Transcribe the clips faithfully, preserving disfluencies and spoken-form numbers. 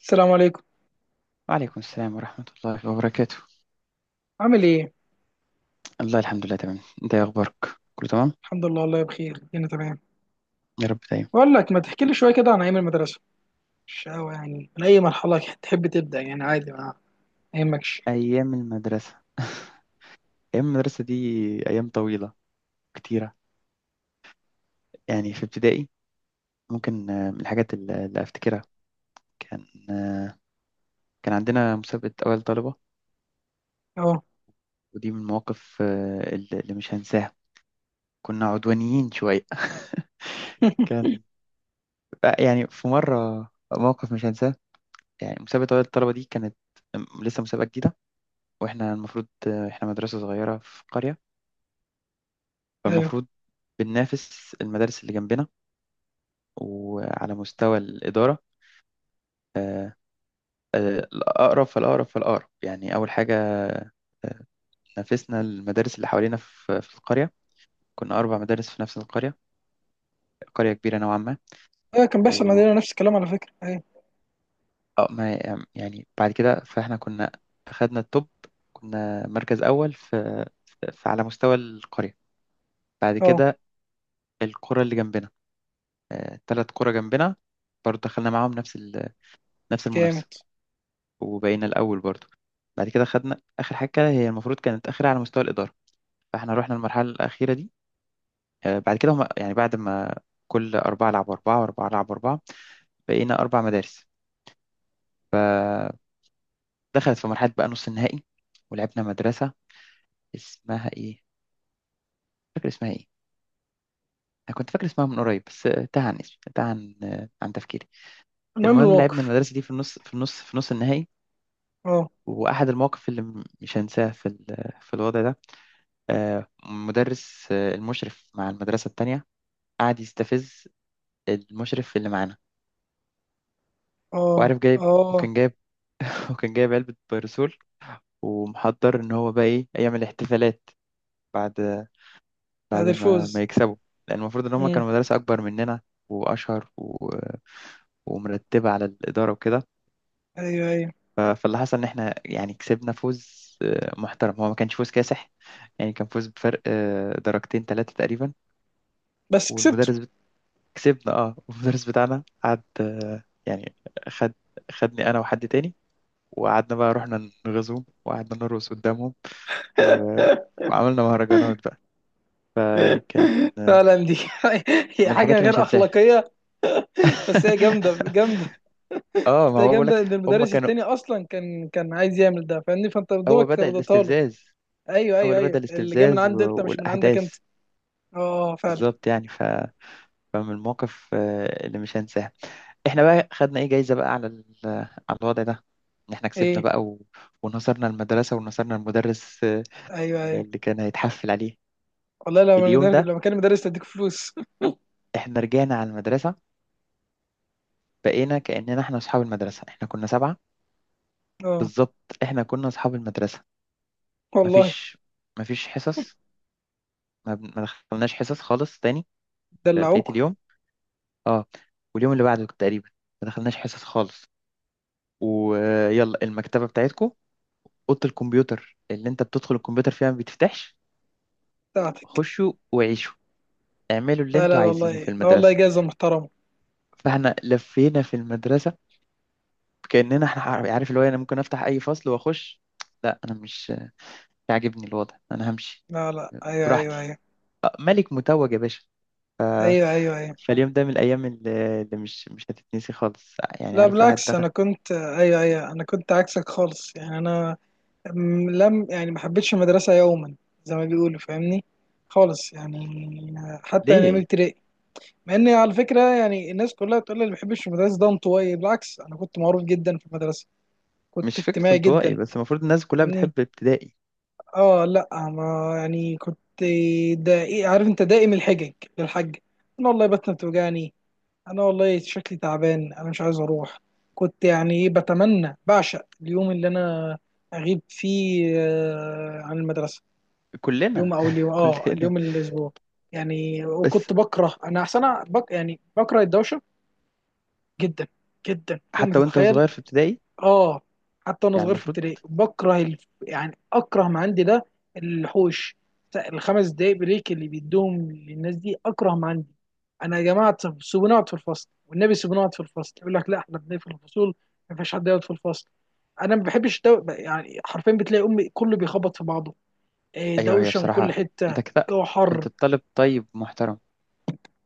السلام عليكم. وعليكم السلام ورحمة الله وبركاته. عامل ايه؟ الله الحمد لله، تمام. انت ايه اخبارك؟ كله تمام. الحمد لله، والله بخير، انا تمام. يا رب دايما. بقول لك، ما تحكي لي شويه كده عن ايام المدرسه؟ مش قوي يعني، من اي مرحله تحب تبدا، يعني عادي، ما ما يهمكش. ايام المدرسة ايام المدرسة دي ايام طويلة كتيرة. يعني في ابتدائي، ممكن آه، من الحاجات اللي اللي افتكرها، كان آه، كان عندنا مسابقة اول طلبة. اه. ودي من المواقف آه، اللي اللي مش هنساها. كنا عدوانيين شوية كان آه، يعني في مرة موقف مش هنساه. يعني مسابقة أول الطلبة دي كانت م- لسه مسابقة جديدة. وإحنا المفروض آه، إحنا مدرسة صغيرة في قرية، ايوه فالمفروض بننافس المدارس اللي جنبنا وعلى مستوى الإدارة. آه، آه، الأقرب فالأقرب فالأقرب، يعني أول حاجة آه، نافسنا المدارس اللي حوالينا في في القرية. كنا أربع مدارس في نفس القرية، قرية كبيرة نوعا ما. ايوه، كان بيحصل و عندنا نفس الكلام على فكره. ايوه. آه، ما يعني بعد كده فإحنا كنا أخدنا التوب، كنا مركز أول في في- على مستوى القرية. بعد اه، كده القرى اللي جنبنا، ثلاث قرى جنبنا برضه دخلنا معاهم نفس ال- نفس المنافسة. جامد. وبقينا الأول برضو. بعد كده خدنا آخر حاجة، هي المفروض كانت آخرها على مستوى الإدارة، فإحنا رحنا المرحلة الأخيرة دي. آه، بعد كده هم، يعني بعد ما كل أربعة لعبوا أربعة وأربعة لعبوا أربعة، بقينا أربع مدارس. فدخلت في مرحلة بقى نص النهائي. ولعبنا مدرسة اسمها إيه؟ مش فاكر اسمها إيه؟ أنا كنت فاكر اسمها من قريب، بس آه، تاه عن اسمي، تاه عن آه، عن تفكيري. المهم المهم لعبنا الموقف. المدرسة دي في النص في النص في نص النهائي. اه، وأحد المواقف اللي م- مش هنساها في ال- في الوضع ده، آه، مدرس آه، المشرف مع المدرسة التانية قعد يستفز المشرف اللي معانا. اه، وعارف جايب اه. وكان جايب وكان جايب علبة بيرسول، ومحضر إن هو بقى إيه يعمل احتفالات بعد بعد بعد ما ما الفوز. يكسبوا، لأن المفروض إن هما امم، كانوا مدرسة أكبر مننا وأشهر و... ومرتبة على الإدارة وكده. ايوه ايوه. ف- فاللي حصل إن إحنا يعني كسبنا فوز آه، محترم، هو ما كانش فوز كاسح. يعني كان فوز بفرق آه، درجتين ثلاثة تقريبا. بس كسبته. والمدرس كسبنا اه، والمدرس بتاعنا قعد آه، يعني خد خدني انا وحد تاني، وقعدنا بقى رحنا نغزوهم وقعدنا نرقص قدامهم و... وعملنا مهرجانات بقى. فكان آه، فعلا دي هي من الحاجات حاجه اللي مش غير هنساها اخلاقيه. بس هي جامده جامده. اه، بس ما هي هو بقول جامده، لك. ان هم المدرس كانوا التاني اصلا كان كان عايز يعمل ده، فاهمني؟ فانت هو دوبك بدأ رضيتها له. الاستفزاز. ايوه هو ايوه اللي ايوه، بدأ اللي جاي من الاستفزاز و... عند انت، مش من عندك والاحداث، انت. اه فعلا. بالظبط يعني. فمن المواقف آه، اللي مش هنساها. احنا بقى خدنا ايه جايزة بقى على ال- على الوضع ده، ان احنا كسبنا ايه. بقى و... ونصرنا المدرسة ونصرنا المدرس آه، ايوه ايوه، اللي كان هيتحفل عليه. والله لو انا اليوم در- ده لو كان مدرس تديك فلوس. احنا رجعنا على المدرسة، بقينا كأننا احنا اصحاب المدرسة، احنا كنا سبعة. اه بالظبط، احنا كنا اصحاب المدرسة. والله. مفيش مفيش حصص. ما, بن- ما دخلناش حصص خالص تاني بقية دلعوك اليوم. اه، واليوم اللي بعده تقريبا ما دخلناش حصص خالص. ويلا المكتبة بتاعتكم، اوضه الكمبيوتر اللي انت بتدخل الكمبيوتر فيها ما بتفتحش، بتاعتك؟ خشوا وعيشوا اعملوا اللي لا لا لا، انتوا عايزينه والله في لا، والله المدرسه. جايزه محترمه. فاحنا لفينا في المدرسه كاننا احنا، عارف، عارف اللي هو انا ممكن افتح اي فصل واخش. لا، انا مش مش عاجبني الوضع، انا همشي لا لا، ايوه ايوه براحتي. ايوه. آه، ملك متوج يا باشا. ايوه ايوه ايوه. فاليوم ده من الايام اللي اللي مش مش هتتنسي خالص، يعني لا عارف الواحد بالعكس، دخل. انا كنت، ايوه ايوه، انا كنت عكسك خالص يعني. انا م- لم، يعني ما حبيتش المدرسه يوما، زي ما بيقولوا، فاهمني؟ خالص يعني. حتى انا من ليه؟ ابتدائي. مع ان على فكره، يعني الناس كلها بتقول لي اللي ما بيحبش المدرسه ده انطوائي. بالعكس، انا كنت معروف جدا في المدرسه. كنت مش فكره اجتماعي انطوائي، جدا. بس المفروض الناس كلها فاهمني. بتحب ابتدائي. اه لا، ما يعني كنت دقيق. عارف انت، دائم الحجج، للحج. انا والله بطني بتوجعني، انا والله شكلي تعبان، انا مش عايز اروح. كنت يعني إيه، بتمنى، بعشق اليوم اللي انا اغيب فيه آه، عن المدرسه. يوم كلنا او اليوم، اه كلنا اليوم، الاسبوع يعني. بس. وكنت بكره انا، احسن بك، يعني بكره الدوشه، جدا جدا فوق ما حتى وانت تتخيل. صغير في ابتدائي، اه، حتى وانا يعني صغير في المفروض. ابتدائي بكره، الف... يعني اكره ما عندي ده، الحوش، الخمس دقايق بريك اللي بيدوهم للناس دي اكره ما عندي. انا يا جماعه، طب سيبوني اقعد في الفصل، والنبي سيبوني اقعد في الفصل. يقول لك لا، احنا بنقفل الفصول، ما فيش حد يقعد في الفصل. انا ما بحبش دو... يعني حرفيا بتلاقي امي كله بيخبط في بعضه. إيه، ايوه، هي دوشه من كل بصراحة انت حته، كده الجو حر. كنت طالب طيب محترم.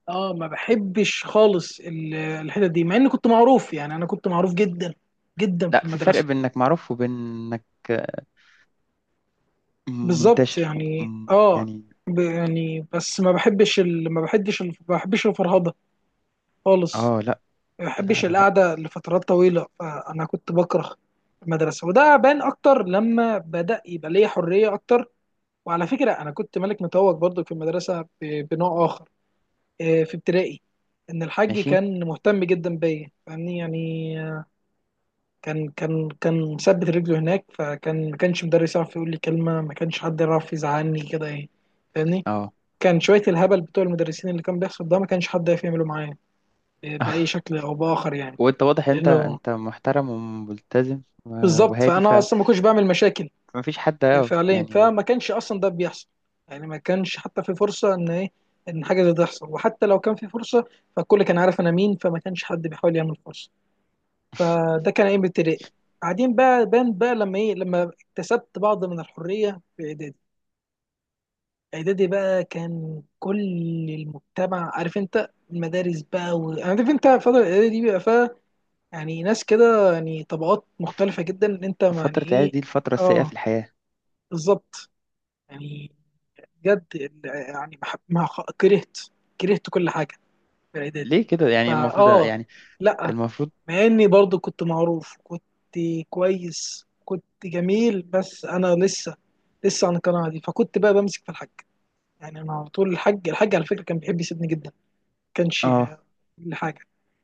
اه، ما بحبش خالص ال- الحتت دي، مع اني كنت معروف، يعني انا كنت معروف جدا جدا في لا، في فرق المدرسه. بين انك معروف وبين انك بالظبط منتشر. يعني. م- اه، يعني ب- يعني بس، ما بحبش ال... ما بحبش ال... ما بحبش الفرهده خالص. اه. لا ما لا بحبش لا لا، القعده لفترات طويله، فانا كنت بكره المدرسه. وده بان اكتر لما بدا يبقى ليا حريه اكتر. وعلى فكره انا كنت ملك متوج برضو في المدرسه، ب... بنوع اخر آه، في ابتدائي. ان الحاج ماشي. كان مهتم جدا بيا، فاهمني يعني. كان كان كان مثبت رجله هناك، فكان ما كانش مدرس يعرف يقول لي كلمه، ما كانش حد يعرف يزعلني كده ايه، فاهمني. اه كان شويه الهبل بتوع المدرسين اللي كان بيحصل ده، ما كانش حد يعرف يعمله معايا ب- باي شكل او باخر يعني. وانت واضح، انت لانه انت محترم وملتزم و- بالظبط، وهادي، فانا فما اصلا ما كنتش بعمل مشاكل فيش حد، اه فعليا، يعني. فما كانش اصلا ده بيحصل. يعني ما كانش حتى في فرصه ان ايه، ان حاجه زي ده تحصل. وحتى لو كان في فرصه، فالكل كان عارف انا مين، فما كانش حد بيحاول يعمل فرصه. فده كان ايام ابتدائي. بعدين بقى بان بقى لما ايه، لما اكتسبت بعض من الحريه في اعدادي. اعدادي بقى، كان كل المجتمع عارف انت، المدارس بقى، و... عارف انت فتره الاعدادي دي بيبقى فيها يعني ناس كده، يعني طبقات ف- مختلفه جدا، ان انت يعني فترة العيادة ايه. دي الفترة السيئة في اه الحياة. بالظبط يعني. بجد ال- يعني ما حب- ما خ- كرهت كرهت كل حاجه في اعدادي. ليه كده؟ يعني المفروض، فاه يعني لا، المفروض مع اني برضو كنت معروف، كنت كويس، كنت جميل، بس انا لسه لسه عن القناعه دي، فكنت بقى بمسك في الحاج. يعني انا على طول الحاج، الحاج على فكره كان بيحب يسيبني جدا، ما كانش اه لحاجه.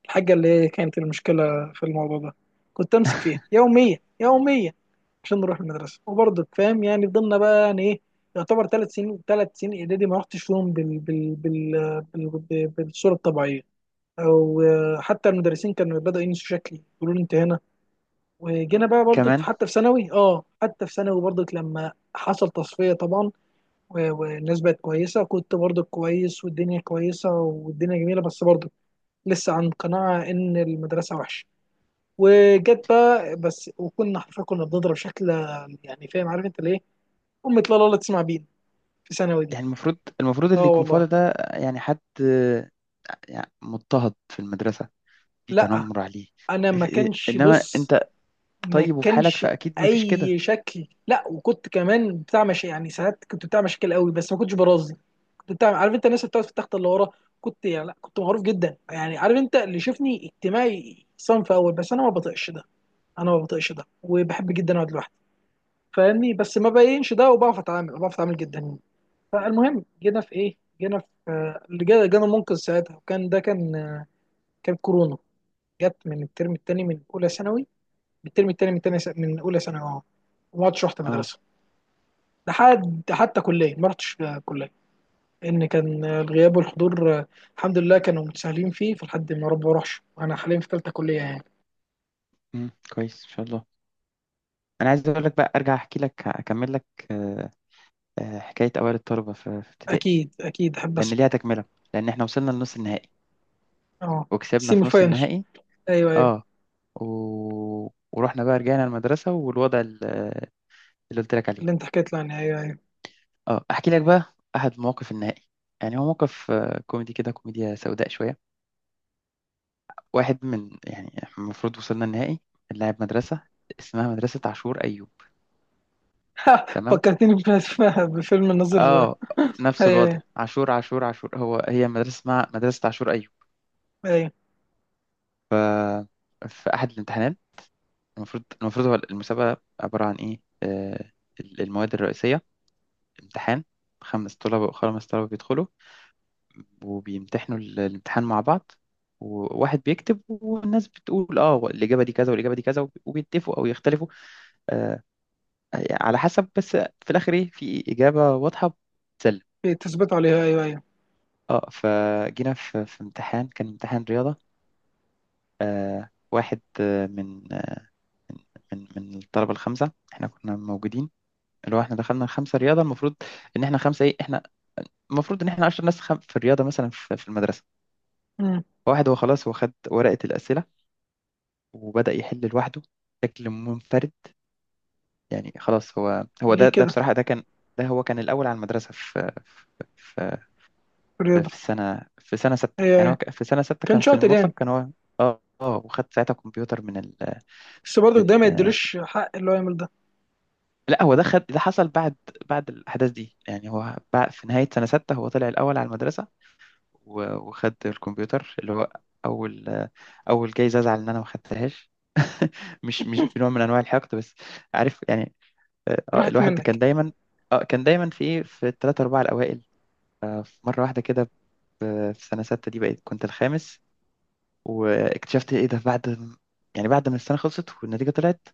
الحاجه اللي هي كانت المشكله في الموضوع ده، كنت امسك فيها يوميا يوميا عشان نروح المدرسه. وبرضو فاهم يعني، فضلنا بقى، يعني ايه، يعتبر ثلاث سنين، ثلاث سنين اعدادي ما رحتش فيهم بال... بال... بال... بال... بالصوره الطبيعيه. او آه، حتى المدرسين كانوا بدأوا ينسوا شكلي، يقولوا لي انت هنا. وجينا بقى برضك في- كمان، حتى في ثانوي، اه حتى في ثانوي برضك، لما حصل تصفية طبعا. و- والناس بقت كويسة، كنت برضك كويس، والدنيا كويسة، والدنيا جميلة، بس برضك لسه عن قناعة إن المدرسة وحشة. وجت بقى بس، وكنا حرفيا كنا بنضرب شكل، يعني فاهم، عارف انت ليه؟ أمك، لا لا لا تسمع بينا، في ثانوي دي. يعني المفروض، المفروض اه اللي يكون فاضي والله. ده، يعني حد يعني مضطهد في المدرسة، في لا، تنمر عليه، أنا ما إيه إيه. كانش انما بص، انت ما طيب وفي حالك، كانش فاكيد ما فيش كده. أي شكل. لا، وكنت كمان بتاع مش يعني، ساعات كنت بتاع مشاكل قوي، بس ما كنتش برازي. انت عارف انت الناس اللي بتقعد في التخت اللي ورا، كنت يعني. لا، كنت معروف جدا يعني، عارف انت اللي شفني اجتماعي صنف اول، بس انا ما بطيقش ده. انا ما بطيقش ده، وبحب جدا اقعد لوحدي، فاهمني؟ بس ما بينش ده، وبعرف اتعامل، بعرف اتعامل جدا. فالمهم جينا في ايه، جينا في آه، اللي جا- جانا المنقذ ساعتها، وكان ده كان آه، كان كورونا. جت من الترم الثاني من اولى ثانوي، من الترم الثاني من تانية س- من اولى ثانوي، اه. وما عدتش رحت اه. مدرسه لحد حتى كليه، ما رحتش آه، كليه، لان كان الغياب والحضور، آه، الحمد لله كانوا متساهلين فيه، فلحد ما رب اروحش، وانا حاليا في ثالثه كليه يعني. مم، كويس ان شاء الله. انا عايز اقول لك بقى، ارجع احكي لك، اكمل لك آه، آه، حكايه اوائل الطلبه في في ابتدائي، اكيد اكيد، احب لان اسمع. ليها تكمله، لان احنا وصلنا لنص النهائي اه. وكسبنا سيمي في نص فاينل. النهائي. ايوه ايوه. اه و... ورحنا بقى رجعنا المدرسه والوضع ال- اللي قلت لك اللي انت عليه. حكيت لي عنها، ايوه ايوه. اه احكي لك بقى احد مواقف النهائي. يعني هو موقف آه، كوميدي كده، كوميديا سوداء شويه. واحد من، يعني إحنا المفروض وصلنا النهائي، اللاعب مدرسة اسمها مدرسة عاشور أيوب. تمام فكرتني بف- بفيلم الناظر. آه، اه، نفس الوضع ايوه، عاشور عاشور عاشور، هو هي مدرسة اسمها مدرسة عاشور أيوب. ايوه ف... في أحد الامتحانات، المفروض المفروض هو المسابقة عبارة عن إيه، آه ال- المواد الرئيسية، امتحان، خمس طلبة خمس طلبة بيدخلوا وبيمتحنوا ال- الامتحان مع بعض، وواحد بيكتب والناس بتقول اه الإجابة دي كذا والإجابة دي كذا وب- وبيتفقوا أو يختلفوا آه، على حسب، بس في الاخر ايه، في اجابه واضحه بتسلم. ايوه، تثبت عليها، ايوه ايوه. اه فجينا في في امتحان كان امتحان رياضه. آه واحد آه، من آه، من من الطلبه الخمسه، احنا كنا موجودين، اللي هو احنا دخلنا الخمسه رياضه. المفروض ان احنا خمسه ايه احنا، المفروض ان احنا 10 ناس خم... في الرياضه مثلا في, في المدرسه. مم. واحد هو خلاص هو خد ورقه الاسئله وبدا يحل لوحده بشكل منفرد. يعني خلاص هو هو ليه ده ده كده؟ بصراحه ده كان، ده هو كان الاول على المدرسه في في في الرياضه. في سنة، في سنة ستة، ايوه يعني هو ايوه، ك- في سنة ستة كان كان في شاطر يعني. المطلق كان هو. اه اه، وخد ساعتها كمبيوتر من ال بس برضه من ده ما آه، يديلوش حق اللي هو يعمل ده. لا، هو ده خد، ده حصل بعد بعد الأحداث دي. يعني هو بعد في نهاية سنة ستة هو طلع الأول على المدرسة و- وخد الكمبيوتر اللي هو أول آه، أول جايزة أزعل إن أنا ما خدتهاش مش مش بنوع من أنواع الحقد، بس عارف يعني آه، آه، راحت الواحد كان منك. دايما، اه كان دايما في إيه في الثلاثة أربعة الأوائل. آه، في مرة واحدة كده ب- في سنة ستة دي بقيت كنت الخامس. واكتشفت ايه ده بعد م- يعني بعد ما السنه خلصت والنتيجه طلعت،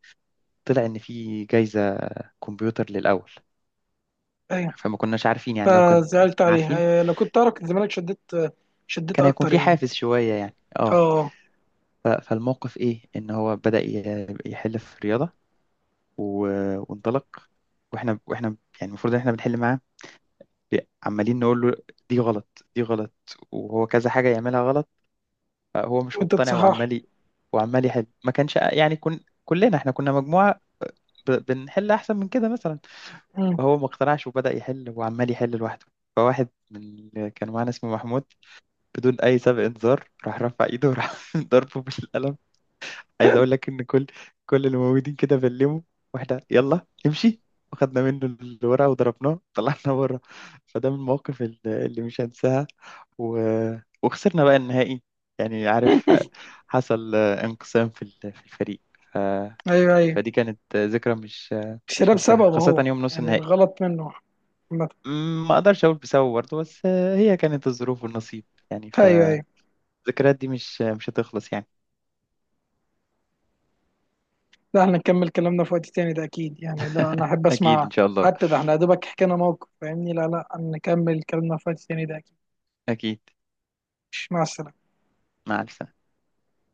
طلع ان في جايزه كمبيوتر للاول. ايوه، فما كناش عارفين، يعني لو كان فزعلت كنا عليها، عارفين أيوة. لو كنت اعرف كان زمانك شديت، شديت كان هيكون اكتر في يعني. حافز شويه يعني اه. اه. ف- فالموقف ايه ان هو بدأ ي- يحل في الرياضه و- وانطلق. واحنا واحنا يعني المفروض ان احنا بنحل معاه، ب- عمالين نقول له دي غلط دي غلط، وهو كذا حاجه يعملها غلط، هو مش وانت مقتنع تصحح. وعمال ي- وعمال يحل. ما كانش، يعني كن كلنا احنا كنا مجموعه ب- بنحل احسن من كده مثلا. مم. هو ما اقتنعش وبدأ يحل وعمال يحل لوحده. فواحد من اللي كانوا معانا اسمه محمود، بدون أي سابق إنذار راح رفع إيده وراح ضربه بالقلم. عايز أقول لك إن كل كل اللي موجودين كده بلموا، واحدة يلا امشي، وخدنا منه الورقة وضربناه طلعنا بره. فده من المواقف ال- اللي مش هنساها. و... وخسرنا بقى النهائي، يعني عارف حصل انقسام في ال- في الفريق. ف... ايوه ايوه. فدي كانت ذكرى مش مش الشراب هنساها سبب خاصة اهو، يوم نص يعني النهائي. الغلط منه. عامة. مم، ما اقدرش اقول بسبب برضه، بس آه، هي كانت الظروف والنصيب يعني. ايوه ايوه، فالذكريات دي مش مش هتخلص يعني. لا احنا نكمل كلامنا في وقت تاني ده اكيد يعني، لا انا احب اكيد اسمع. ان شاء الله. حتى ده احنا يا دوبك حكينا موقف، فاهمني؟ لا لا، نكمل كلامنا في وقت تاني ده اكيد. اكيد. مع السلامة. مع السلامه.